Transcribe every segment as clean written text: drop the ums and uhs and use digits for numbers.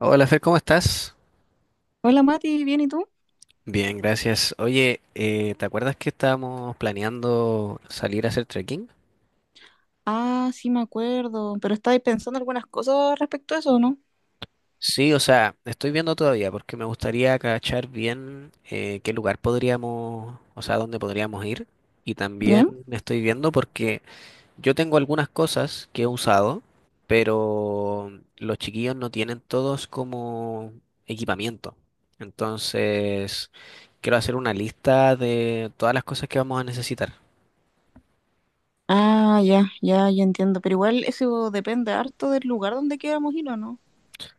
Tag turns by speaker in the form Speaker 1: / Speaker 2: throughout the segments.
Speaker 1: Hola Fer, ¿cómo estás?
Speaker 2: Hola Mati, ¿bien y tú?
Speaker 1: Bien, gracias. Oye, ¿te acuerdas que estábamos planeando salir a hacer trekking?
Speaker 2: Ah, sí me acuerdo, pero estabais pensando algunas cosas respecto a eso, ¿no?
Speaker 1: Sí, o sea, estoy viendo todavía porque me gustaría cachar bien qué lugar podríamos, o sea, dónde podríamos ir. Y también
Speaker 2: ¿Ya?
Speaker 1: estoy viendo porque yo tengo algunas cosas que he usado, pero los chiquillos no tienen todos como equipamiento. Entonces, quiero hacer una lista de todas las cosas que vamos a necesitar.
Speaker 2: Ah, ya, ya, ya entiendo, pero igual eso depende harto del lugar donde queramos ir o no.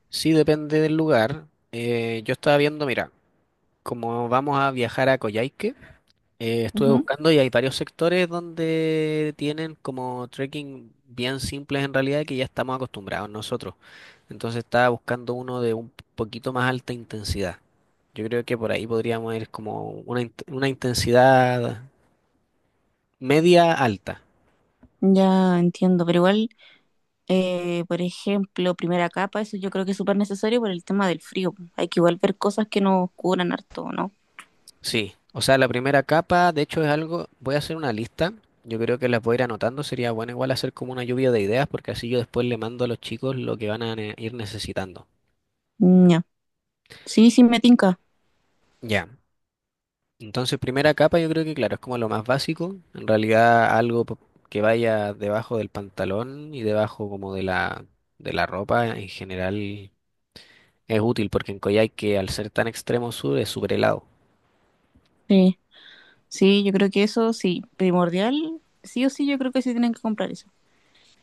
Speaker 1: Sí, depende del lugar. Yo estaba viendo, mira, como vamos a viajar a Coyhaique, estuve
Speaker 2: Ujú.
Speaker 1: buscando y hay varios sectores donde tienen como trekking bien simples en realidad que ya estamos acostumbrados nosotros. Entonces estaba buscando uno de un poquito más alta intensidad. Yo creo que por ahí podríamos ir como una intensidad media alta.
Speaker 2: Ya entiendo, pero igual, por ejemplo, primera capa, eso yo creo que es súper necesario por el tema del frío. Hay que igual ver cosas que nos cubran harto, ¿no?
Speaker 1: Sí, o sea, la primera capa, de hecho, es algo, voy a hacer una lista, yo creo que las voy a ir anotando, sería bueno igual hacer como una lluvia de ideas, porque así yo después le mando a los chicos lo que van a ir necesitando.
Speaker 2: Mm. Ya. Sí, sí, me tinca.
Speaker 1: Ya, entonces primera capa yo creo que claro, es como lo más básico, en realidad algo que vaya debajo del pantalón y debajo como de la ropa en general es útil, porque en Coyhaique al ser tan extremo sur es súper helado.
Speaker 2: Sí, sí, yo creo que eso sí, primordial, sí o sí, yo creo que sí tienen que comprar eso.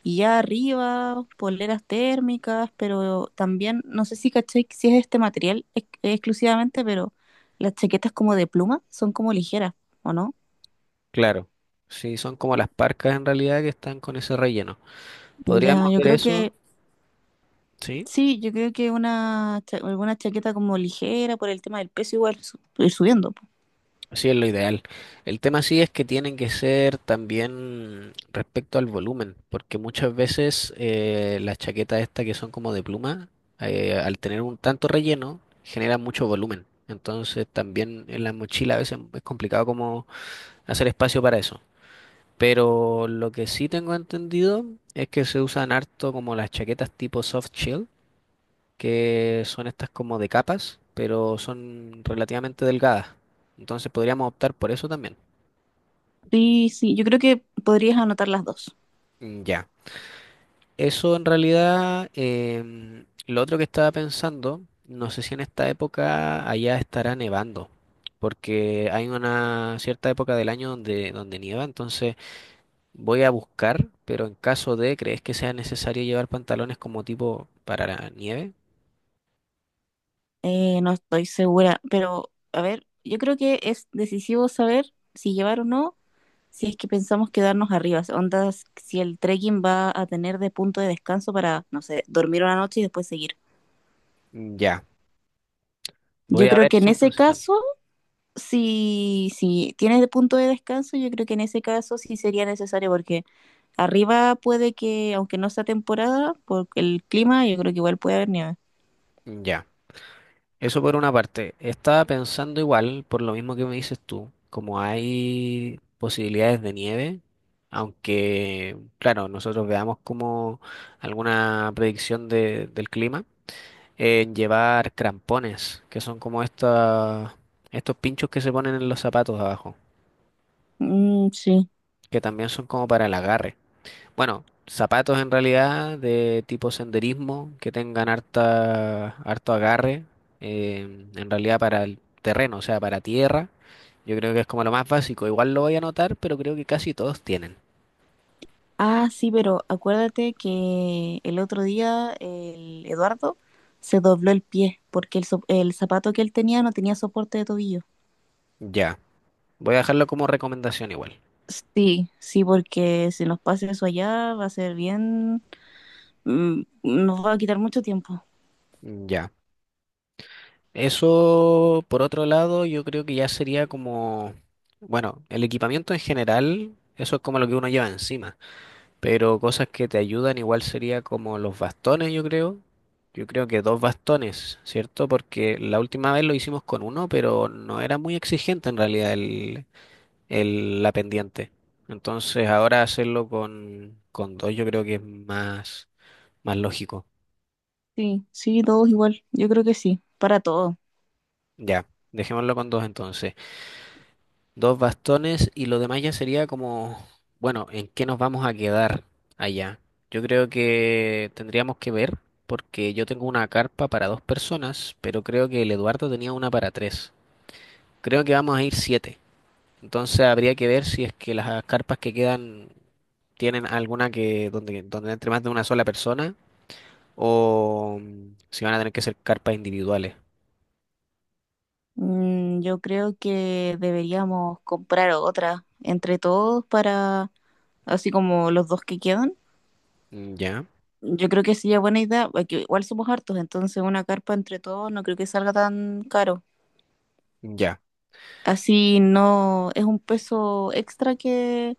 Speaker 2: Y ya arriba, poleras térmicas, pero también, no sé si caché si es este material exclusivamente, pero las chaquetas como de pluma son como ligeras, ¿o no?
Speaker 1: Claro, sí, son como las parcas en realidad que están con ese relleno.
Speaker 2: Ya,
Speaker 1: Podríamos
Speaker 2: yo
Speaker 1: ver
Speaker 2: creo
Speaker 1: eso.
Speaker 2: que,
Speaker 1: Sí,
Speaker 2: sí, yo creo que una, alguna chaqueta como ligera por el tema del peso igual ir subiendo, po.
Speaker 1: sí es lo ideal. El tema sí es que tienen que ser también respecto al volumen, porque muchas veces las chaquetas estas que son como de pluma, al tener un tanto relleno, generan mucho volumen. Entonces también en la mochila a veces es complicado como hacer espacio para eso. Pero lo que sí tengo entendido es que se usan harto como las chaquetas tipo soft shell, que son estas como de capas, pero son relativamente delgadas. Entonces podríamos optar por eso también.
Speaker 2: Sí, sí, yo creo que podrías anotar las dos.
Speaker 1: Mm, ya. Eso en realidad, lo otro que estaba pensando, no sé si en esta época allá estará nevando, porque hay una cierta época del año donde, donde nieva, entonces voy a buscar, pero en caso de, ¿crees que sea necesario llevar pantalones como tipo para la nieve?
Speaker 2: No estoy segura, pero a ver, yo creo que es decisivo saber si llevar o no, si es que pensamos quedarnos arriba, ondas, si el trekking va a tener de punto de descanso para, no sé, dormir una noche y después seguir.
Speaker 1: Ya.
Speaker 2: Yo
Speaker 1: Voy a
Speaker 2: creo
Speaker 1: ver
Speaker 2: que
Speaker 1: eso
Speaker 2: en ese
Speaker 1: entonces también.
Speaker 2: caso, si, si tienes de punto de descanso, yo creo que en ese caso sí sería necesario, porque arriba puede que, aunque no sea temporada, por el clima, yo creo que igual puede haber nieve.
Speaker 1: Ya. Eso por una parte. Estaba pensando igual, por lo mismo que me dices tú, como hay posibilidades de nieve, aunque, claro, nosotros veamos como alguna predicción del clima, en llevar crampones, que son como estos pinchos que se ponen en los zapatos abajo,
Speaker 2: Mm, sí.
Speaker 1: que también son como para el agarre. Bueno, zapatos en realidad de tipo senderismo que tengan harta, harto agarre, en realidad para el terreno, o sea, para tierra. Yo creo que es como lo más básico. Igual lo voy a anotar, pero creo que casi todos tienen.
Speaker 2: Ah, sí, pero acuérdate que el otro día el Eduardo se dobló el pie porque el, el zapato que él tenía no tenía soporte de tobillo.
Speaker 1: Ya. Voy a dejarlo como recomendación igual.
Speaker 2: Sí, sí, porque si nos pasa eso allá va a ser bien, nos va a quitar mucho tiempo.
Speaker 1: Ya. Eso, por otro lado, yo creo que ya sería como, bueno, el equipamiento en general, eso es como lo que uno lleva encima. Pero cosas que te ayudan igual sería como los bastones, yo creo. Yo creo que dos bastones, ¿cierto? Porque la última vez lo hicimos con uno, pero no era muy exigente en realidad la pendiente. Entonces ahora hacerlo con dos yo creo que es más, más lógico.
Speaker 2: Sí, sí, todos igual, yo creo que sí, para todos.
Speaker 1: Ya, dejémoslo con dos entonces. Dos bastones y lo demás ya sería como, bueno, ¿en qué nos vamos a quedar allá? Yo creo que tendríamos que ver, porque yo tengo una carpa para dos personas, pero creo que el Eduardo tenía una para tres. Creo que vamos a ir siete. Entonces habría que ver si es que las carpas que quedan tienen alguna que donde, donde entre más de una sola persona o si van a tener que ser carpas individuales.
Speaker 2: Mm, yo creo que deberíamos comprar otra entre todos, para, así como los dos que quedan.
Speaker 1: Mm, ya,
Speaker 2: Yo creo que sería buena idea, porque igual somos hartos, entonces una carpa entre todos no creo que salga tan caro.
Speaker 1: ya,
Speaker 2: Así no es un peso extra que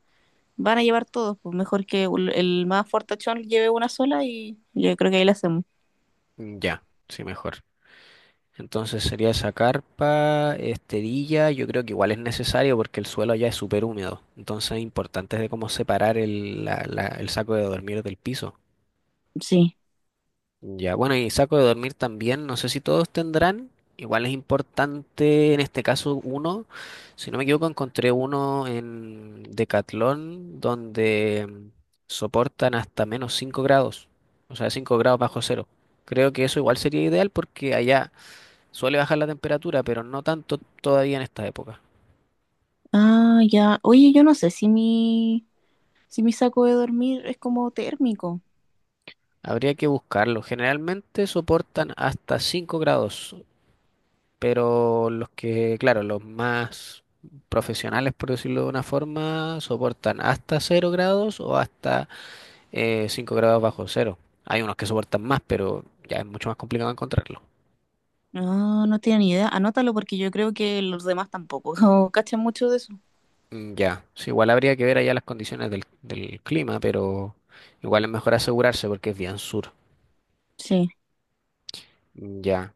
Speaker 2: van a llevar todos, pues mejor que el más fortachón lleve una sola y yo creo que ahí la hacemos.
Speaker 1: mm, ya, sí, mejor. Entonces sería esa carpa, esterilla, yo creo que igual es necesario porque el suelo allá es súper húmedo. Entonces es importante de cómo separar el, el saco de dormir del piso.
Speaker 2: Sí.
Speaker 1: Ya, bueno, y saco de dormir también, no sé si todos tendrán, igual es importante en este caso uno, si no me equivoco encontré uno en Decathlon donde soportan hasta -5 grados, o sea, -5 grados. Creo que eso igual sería ideal porque allá suele bajar la temperatura, pero no tanto todavía en esta época.
Speaker 2: Ah, ya. Oye, yo no sé si mi, si mi saco de dormir es como térmico.
Speaker 1: Habría que buscarlo. Generalmente soportan hasta 5 grados, pero los que, claro, los más profesionales, por decirlo de una forma, soportan hasta 0 grados o hasta 5 grados bajo cero. Hay unos que soportan más, pero ya es mucho más complicado encontrarlo.
Speaker 2: No, no tiene ni idea. Anótalo, porque yo creo que los demás tampoco no cachan mucho de eso.
Speaker 1: Mm, ya, sí, igual habría que ver allá las condiciones del, del clima, pero igual es mejor asegurarse porque es bien sur.
Speaker 2: Sí.
Speaker 1: Mm, ya.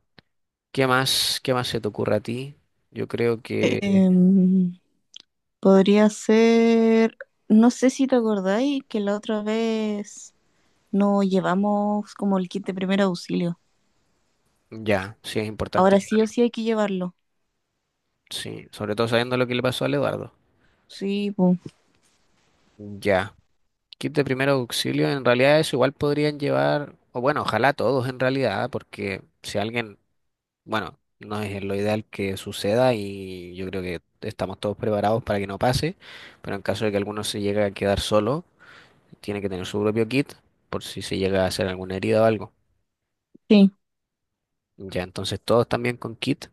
Speaker 1: Qué más se te ocurre a ti? Yo creo que
Speaker 2: Em, Podría ser, no sé si te acordáis que la otra vez no llevamos como el kit de primer auxilio.
Speaker 1: ya, sí es importante,
Speaker 2: Ahora sí o sí hay que llevarlo.
Speaker 1: sí, sobre todo sabiendo lo que le pasó al Eduardo.
Speaker 2: Sí, pues.
Speaker 1: Ya. Kit de primer auxilio, en realidad eso igual podrían llevar, o bueno, ojalá todos en realidad, porque si alguien, bueno, no es lo ideal que suceda y yo creo que estamos todos preparados para que no pase, pero en caso de que alguno se llegue a quedar solo, tiene que tener su propio kit por si se llega a hacer alguna herida o algo.
Speaker 2: Sí.
Speaker 1: Ya, entonces todos también con kit.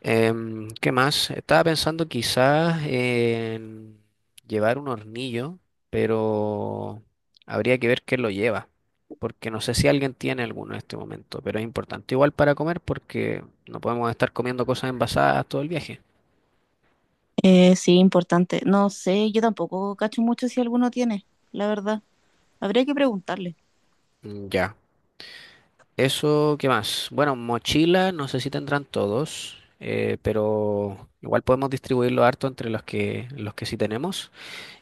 Speaker 1: ¿Qué más? Estaba pensando quizás en llevar un hornillo, pero habría que ver quién lo lleva, porque no sé si alguien tiene alguno en este momento, pero es importante igual para comer porque no podemos estar comiendo cosas envasadas todo el viaje.
Speaker 2: Sí, importante. No sé, yo tampoco cacho mucho si alguno tiene, la verdad. Habría que preguntarle.
Speaker 1: Mm, ya. Eso, ¿qué más? Bueno, mochila, no sé si tendrán todos, pero igual podemos distribuirlo harto entre los que sí tenemos.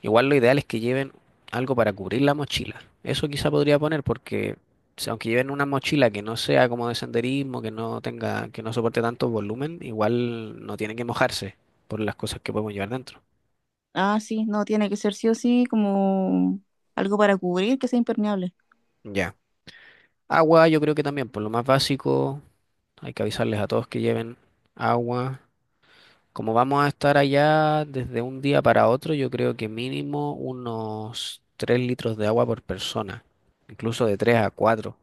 Speaker 1: Igual lo ideal es que lleven algo para cubrir la mochila. Eso quizá podría poner porque aunque lleven una mochila que no sea como de senderismo, que no tenga, que no soporte tanto volumen, igual no tienen que mojarse por las cosas que podemos llevar dentro.
Speaker 2: Ah, sí, no, tiene que ser sí o sí como algo para cubrir que sea impermeable.
Speaker 1: Ya. Agua, yo creo que también, por lo más básico, hay que avisarles a todos que lleven agua. Como vamos a estar allá desde un día para otro, yo creo que mínimo unos 3 litros de agua por persona, incluso de 3 a 4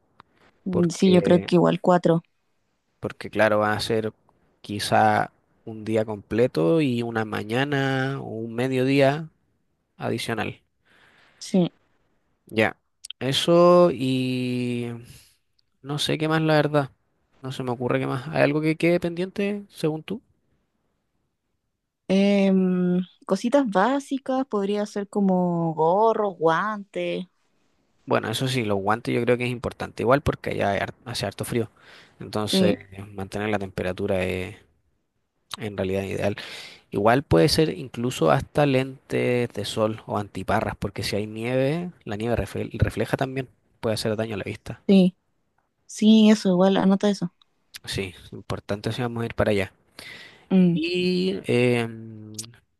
Speaker 2: Mm. Sí, yo creo
Speaker 1: porque
Speaker 2: que igual cuatro.
Speaker 1: porque claro, van a ser quizá un día completo y una mañana o un mediodía adicional.
Speaker 2: Sí.
Speaker 1: Ya, eso y no sé qué más, la verdad. No se me ocurre qué más. ¿Hay algo que quede pendiente, según tú?
Speaker 2: Em, Cositas básicas, podría ser como gorros, guantes.
Speaker 1: Bueno, eso sí, los guantes yo creo que es importante igual porque allá hace harto frío. Entonces,
Speaker 2: Sí,
Speaker 1: mantener la temperatura es en realidad ideal. Igual puede ser incluso hasta lentes de sol o antiparras, porque si hay nieve, la refleja también, puede hacer daño a la vista.
Speaker 2: sí, sí, eso, igual, anota eso.
Speaker 1: Sí, importante si vamos a ir para allá.
Speaker 2: Mm.
Speaker 1: Y,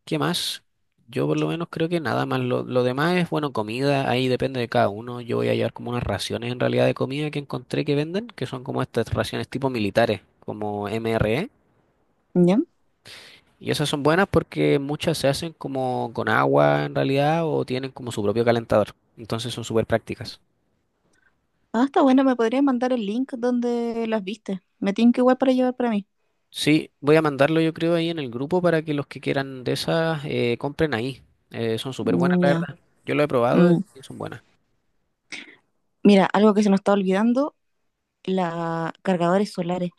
Speaker 1: ¿qué más? Yo por lo menos creo que nada más. Lo demás es, bueno, comida, ahí depende de cada uno. Yo voy a llevar como unas raciones en realidad de comida que encontré que venden, que son como estas raciones tipo militares, como MRE.
Speaker 2: ¿Ya?
Speaker 1: Y esas son buenas porque muchas se hacen como con agua en realidad o tienen como su propio calentador. Entonces son súper prácticas.
Speaker 2: Ah, está bueno, me podrías mandar el link donde las viste. Me tienen que igual para llevar para mí.
Speaker 1: Sí, voy a mandarlo yo creo ahí en el grupo para que los que quieran de esas compren ahí. Son súper buenas,
Speaker 2: Mm.
Speaker 1: la
Speaker 2: Ya.
Speaker 1: verdad. Yo lo he probado
Speaker 2: Mm,
Speaker 1: y son buenas
Speaker 2: mira, algo que se nos está olvidando, la cargadores solares.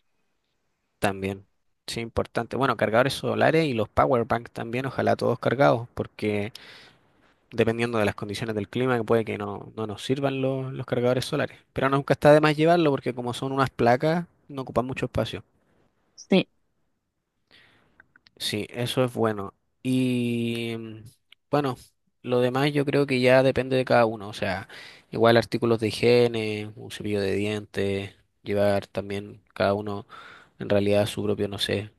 Speaker 1: también. Sí, importante. Bueno, cargadores solares y los power bank también, ojalá todos cargados, porque dependiendo de las condiciones del clima, que puede que no nos sirvan los cargadores solares. Pero nunca está de más llevarlo porque como son unas placas, no ocupan mucho espacio.
Speaker 2: Sí.
Speaker 1: Sí, eso es bueno. Y bueno, lo demás yo creo que ya depende de cada uno. O sea, igual artículos de higiene, un cepillo de dientes, llevar también cada uno en realidad su propio, no sé,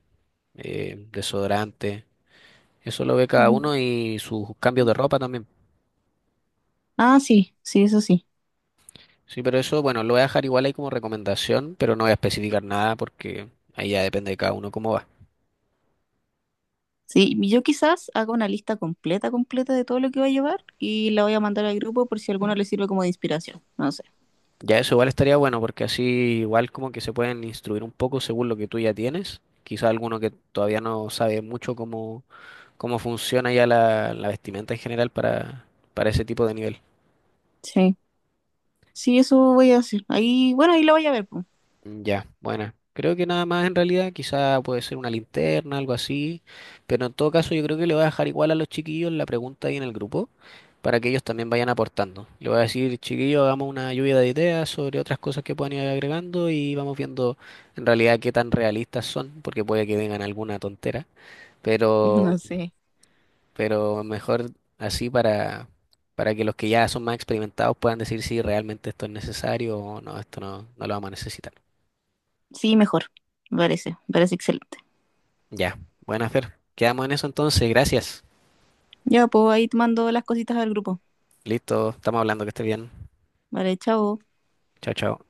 Speaker 1: desodorante. Eso lo ve cada uno
Speaker 2: Ujú.
Speaker 1: y sus cambios de ropa también.
Speaker 2: Ah, sí, sí, eso sí.
Speaker 1: Sí, pero eso, bueno, lo voy a dejar igual ahí como recomendación, pero no voy a especificar nada porque ahí ya depende de cada uno cómo va.
Speaker 2: Sí, y yo quizás haga una lista completa, completa de todo lo que va a llevar y la voy a mandar al grupo por si a alguno le sirve como de inspiración. No sé.
Speaker 1: Ya eso igual estaría bueno porque así igual como que se pueden instruir un poco según lo que tú ya tienes. Quizá alguno que todavía no sabe mucho cómo funciona ya la vestimenta en general para ese tipo de nivel.
Speaker 2: Sí. Sí, eso voy a hacer. Ahí, bueno, ahí la voy a ver, pues.
Speaker 1: Ya, buena. Creo que nada más en realidad, quizá puede ser una linterna, algo así, pero en todo caso yo creo que le voy a dejar igual a los chiquillos la pregunta ahí en el grupo para que ellos también vayan aportando. Le voy a decir, chiquillos, hagamos una lluvia de ideas sobre otras cosas que puedan ir agregando y vamos viendo en realidad qué tan realistas son, porque puede que vengan alguna tontera, pero,
Speaker 2: No sé.
Speaker 1: pero mejor así para que los que ya son más experimentados puedan decir si realmente esto es necesario o no, esto no, no lo vamos a necesitar.
Speaker 2: Sí, mejor. Me parece excelente.
Speaker 1: Ya, buena Fer. Quedamos en eso entonces, gracias.
Speaker 2: Ya, pues ahí te mando las cositas al grupo.
Speaker 1: Listo, estamos hablando, que esté bien.
Speaker 2: Vale, chao.
Speaker 1: Chao, chao.